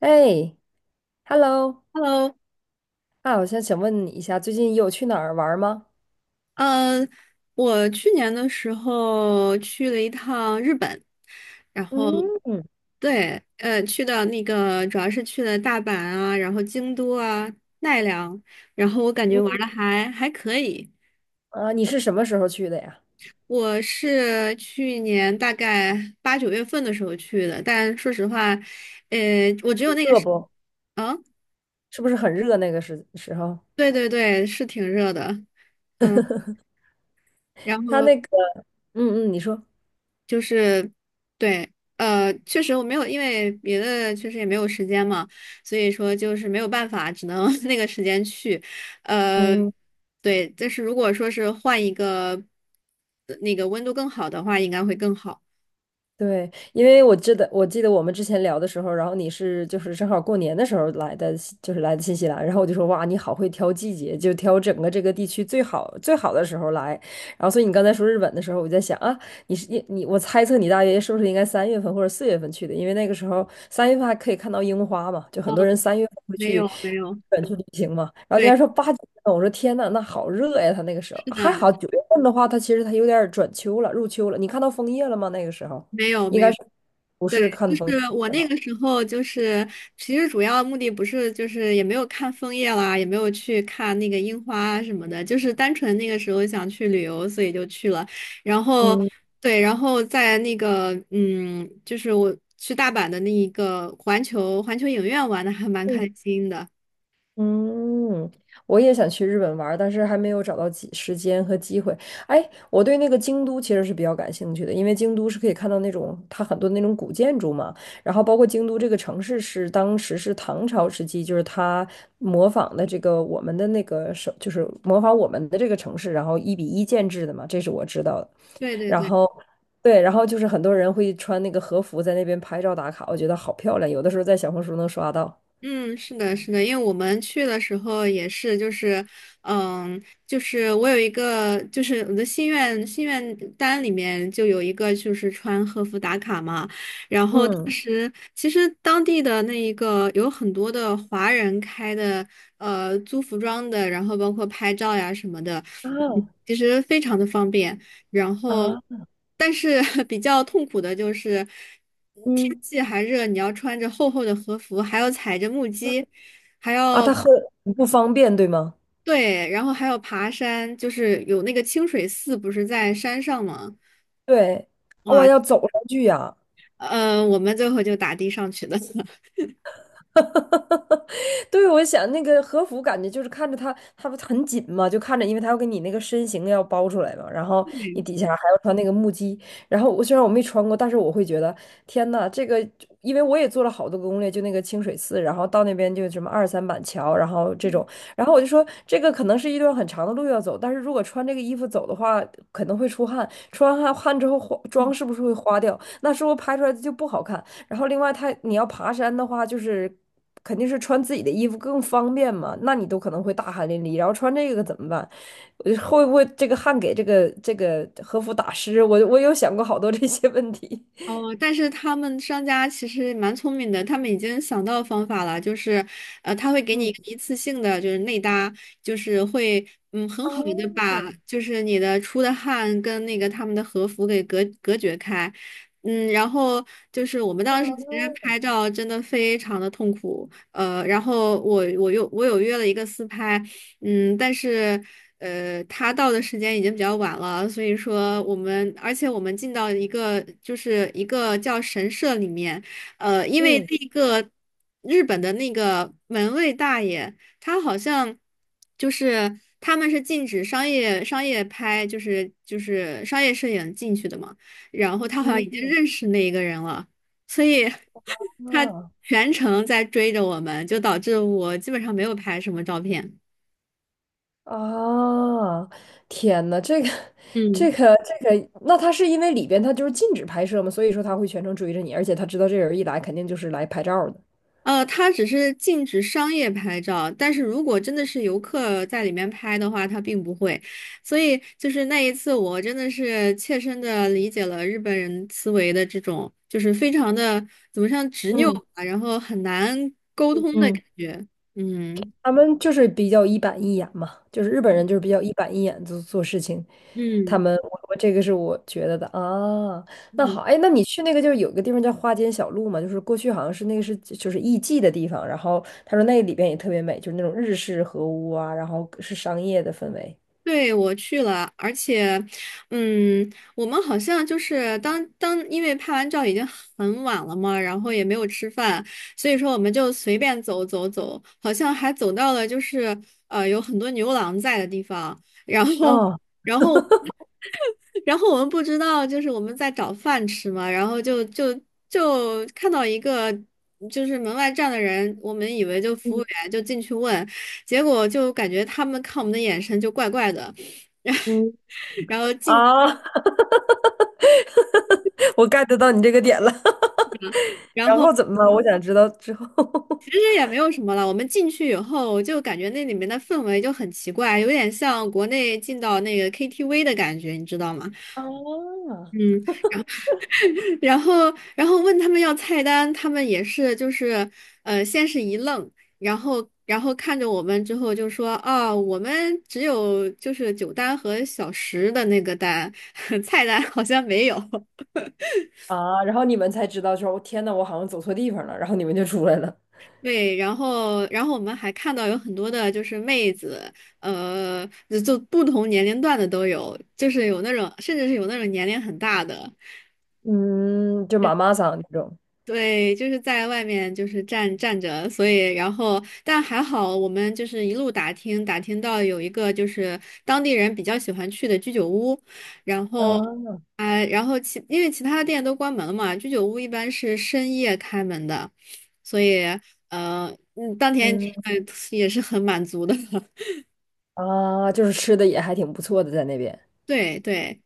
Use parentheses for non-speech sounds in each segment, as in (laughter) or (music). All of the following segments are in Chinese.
哎，Hello，Hello，啊，我想问你一下，最近有去哪儿玩儿吗？呃，我去年的时候去了一趟日本，然后嗯对，去到那个主要是去了大阪啊，然后京都啊、奈良，然后我感觉玩嗯。的还可以。啊，你是什么时候去的呀？我是去年大概8、9月份的时候去的，但说实话，我只有那个热是，不？啊，是不是很热那个时候？对对对，是挺热的，嗯，然他后。那个，嗯嗯，你说。就是对，确实我没有，因为别的确实也没有时间嘛，所以说就是没有办法，只能 (laughs) 那个时间去，呃，嗯嗯。对，但是如果说是换一个那个温度更好的话，应该会更好。对，因为我记得我们之前聊的时候，然后你是就是正好过年的时候来的新西兰，然后我就说哇，你好会挑季节，就挑整个这个地区最好最好的时候来。然后所以你刚才说日本的时候，我在想啊，你是你你我猜测你大约是不是应该三月份或者4月份去的，因为那个时候三月份还可以看到樱花嘛，就很哦，多人三月份会没去日有没有，本去旅行嘛。然后你对，还说8、9月份，我说天呐，那好热呀，他那个时候是还的，好九月份的话，他其实有点儿转秋了，入秋了。你看到枫叶了吗？那个时候？没有应没该有。是不对，是看就是风景我的时那候。个时候，就是其实主要目的不是，就是也没有看枫叶啦，也没有去看那个樱花什么的，就是单纯那个时候想去旅游，所以就去了。然后，嗯对，然后在那个，嗯，就是我去大阪的那一个环球影院玩的还蛮嗯开心的。嗯。我也想去日本玩儿但是还没有找到时间和机会。哎，我对那个京都其实是比较感兴趣的，因为京都是可以看到那种它很多那种古建筑嘛，然后包括京都这个城市是当时是唐朝时期，就是它模仿的这个我们的那个就是模仿我们的这个城市，然后1比1建制的嘛，这是我知道的。对对然对。后，对，然后就是很多人会穿那个和服在那边拍照打卡，我觉得好漂亮，有的时候在小红书能刷到。嗯，是的，是的，因为我们去的时候也是，就是，嗯，就是我有一个，就是我的心愿单里面就有一个，就是穿和服打卡嘛。然后当嗯。时其实当地的那一个有很多的华人开的，租服装的，然后包括拍照呀什么的，啊。嗯其实非常的方便。然后，啊。但是 (laughs) 比较痛苦的就是天嗯。气还热，你要穿着厚厚的和服，还要踩着木屐，还啊，它要很不方便，对吗？对，然后还要爬山，就是有那个清水寺不是在山上吗？对。哇，哇，要走上去呀。我们最后就打的上去的。(laughs) (laughs) 对，我想那个和服感觉就是看着它，它不很紧嘛，就看着，因为它要给你那个身形要包出来嘛，然后你底下还要穿那个木屐，然后虽然我没穿过，但是我会觉得天呐，这个，因为我也做了好多个攻略，就那个清水寺，然后到那边就什么二三板桥，然后这种，然后我就说这个可能是一段很长的路要走，但是如果穿这个衣服走的话，可能会出汗，出完汗之后花妆是不是会花掉？那是不是拍出来就不好看？然后另外你要爬山的话，就是肯定是穿自己的衣服更方便嘛，那你都可能会大汗淋漓，然后穿这个怎么办？会不会这个汗给这个和服打湿？我有想过好多这些问题。哦，但是他们商家其实蛮聪明的，他们已经想到方法了，就是，他会给你嗯。一个一次性的，就是内搭，就是会，嗯，很啊。好的把就是你的出的汗跟那个他们的和服给隔绝开，嗯，然后就是我们当时其实拍照真的非常的痛苦，然后我有约了一个私拍，嗯，但是他到的时间已经比较晚了，所以说我们，而且我们进到一个就是一个叫神社里面，因为嗯那个日本的那个门卫大爷，他好像就是他们是禁止商业拍，就是商业摄影进去的嘛，然后他好像嗯。已经认识那一个人了，所以 (laughs) 他啊。全程在追着我们，就导致我基本上没有拍什么照片。啊，天呐，嗯，那他是因为里边他就是禁止拍摄嘛，所以说他会全程追着你，而且他知道这人一来肯定就是来拍照的。它只是禁止商业拍照，但是如果真的是游客在里面拍的话，它并不会。所以就是那一次，我真的是切身的理解了日本人思维的这种，就是非常的怎么像执拗嗯吧，然后很难沟通的嗯。感觉。嗯他们就是比较一板一眼嘛，就是日本嗯，人就是比较一板一眼做事情。他嗯。们，我这个是我觉得的啊。那嗯好，哎，那你去那个就是有个地方叫花间小路嘛，就是过去好像是那个是就是艺妓的地方，然后他说那里边也特别美，就是那种日式和屋啊，然后是商业的氛围。对，我去了，而且，嗯，我们好像就是当，因为拍完照已经很晚了嘛，然后也没有吃饭，所以说我们就随便走走走，好像还走到了就是有很多牛郎在的地方，然后。哦。然后。然后我们不知道，就是我们在找饭吃嘛，然后就看到一个就是门外站的人，我们以为就服务嗯员，就进去问，结果就感觉他们看我们的眼神就怪怪的，(laughs) 然后嗯。然后进，啊。(laughs) 我 get 到你这个点了。(laughs) 然然后后怎么了？我想知道之后。其 (laughs) 实也没有什么了。我们进去以后，就感觉那里面的氛围就很奇怪，有点像国内进到那个 KTV 的感觉，你知道吗？啊。嗯。然后，然后问他们要菜单，他们也是就是，先是一愣，然后，然后看着我们之后就说，啊，我们只有就是酒单和小食的那个单，(laughs) 菜单好像没有。啊！然后你们才知道说，我天呐，我好像走错地方了，然后你们就出来了。对，然后，然后我们还看到有很多的就是妹子，呃，就不同年龄段的都有，就是有那种，甚至是有那种年龄很大的。嗯，就妈妈桑那种。对，就是在外面就是站着，所以然后但还好，我们就是一路打听打听到有一个就是当地人比较喜欢去的居酒屋，然后啊。啊、然后因为其他的店都关门了嘛，居酒屋一般是深夜开门的，所以当天吃嗯。的也是很满足的，(laughs) 啊，就是吃的也还挺不错的，在那边。对对。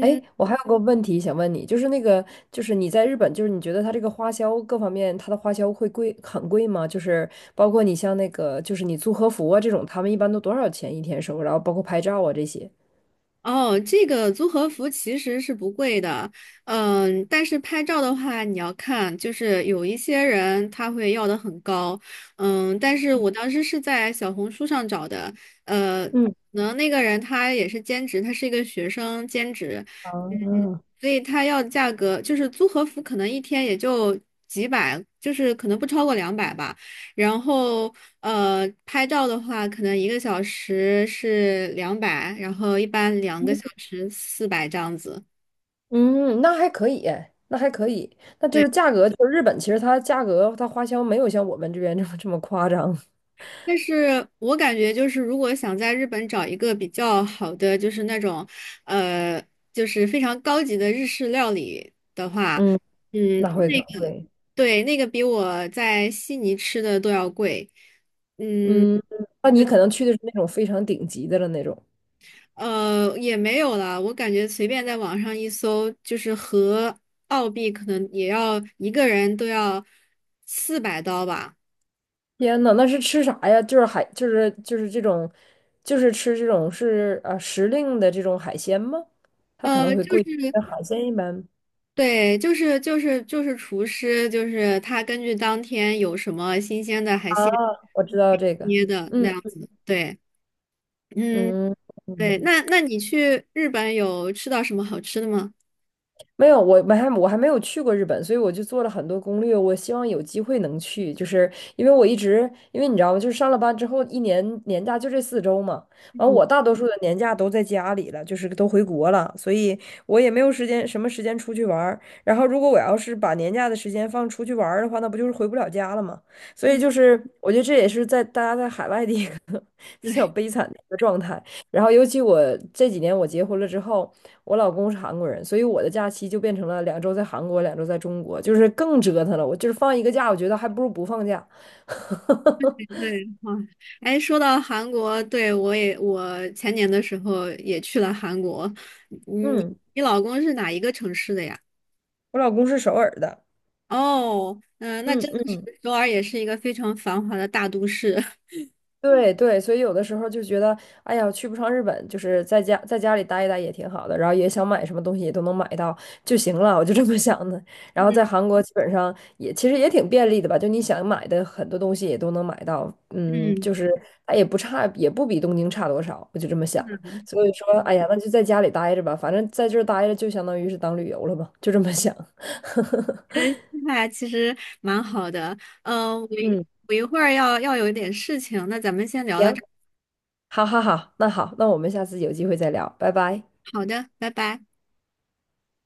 哎，我还有个问题想问你，就是那个，就是你在日本，就是你觉得它这个花销各方面，它的花销会贵很贵吗？就是包括你像那个，就是你租和服啊这种，他们一般都多少钱1天收？然后包括拍照啊这些。哦，这个租和服其实是不贵的，嗯，但是拍照的话，你要看，就是有一些人他会要的很高，嗯，但是我当时是在小红书上找的，可嗯。能那个人他也是兼职，他是一个学生兼职，嗯，啊。所以他要的价格就是租和服可能一天也就几百，就是可能不超过两百吧，然后。拍照的话，可能1个小时是两百，然后一般2个小时四百这样子。嗯，那还可以，哎，那还可以，那就对，是价格，就是日本其实它价格它花销没有像我们这边这么这么夸张。但是我感觉就是，如果想在日本找一个比较好的，就是那种，呃，就是非常高级的日式料理的话，嗯，嗯，那会那很个，贵。对，那个比我在悉尼吃的都要贵。嗯，嗯，那你可能去的是那种非常顶级的了那种。也没有啦，我感觉随便在网上一搜，就是和澳币可能也要一个人都要400刀吧。天呐，那是吃啥呀？就是海，就是这种，就是吃这种是啊时令的这种海鲜吗？它可能会就贵，是但海鲜一般。对，就是厨师，就是他根据当天有什么新鲜的海啊，鲜我知道这个。捏的那嗯样子。对，嗯，嗯嗯。对，那你去日本有吃到什么好吃的吗？没有，我还没有去过日本，所以我就做了很多攻略。我希望有机会能去，就是因为我一直，因为你知道吗？就是上了班之后，1年年假就这4周嘛。完，嗯我大多数的年假都在家里了，就是都回国了，所以我也没有时间，什么时间出去玩儿。然后，如果我要是把年假的时间放出去玩儿的话，那不就是回不了家了吗？所以，嗯，就是我觉得这也是在大家在海外的一个 (laughs) 比较对悲惨的一个状态。然后，尤其我这几年我结婚了之后，我老公是韩国人，所以我的假期就变成了两周在韩国，两周在中国，就是更折腾了。我就是放一个假，我觉得还不如不放假。(laughs) 对，哇，哎，说到韩国，对，我也，我前年的时候也去了韩国。嗯，嗯，你老公是哪一个城市的呀？我老公是首尔的。哦，嗯、那嗯真的是嗯。首尔也是一个非常繁华的大都市。(laughs) 对对，所以有的时候就觉得，哎呀，去不上日本，就是在家里待一待也挺好的，然后也想买什么东西也都能买到就行了，我就这么想的。然后嗯在韩国基本上也其实也挺便利的吧，就你想买的很多东西也都能买到，嗯，嗯，就是它也不差，也不比东京差多少，我就这么想。所以是，说，哎呀，那就在家里待着吧，反正在这儿待着就相当于是当旅游了吧，就这么想。(laughs) 那其实蛮好的。嗯、嗯，我一会儿要有一点事情，那咱们先聊到这行，儿。好好好，那好，那我们下次有机会再聊，拜拜。好的，拜拜。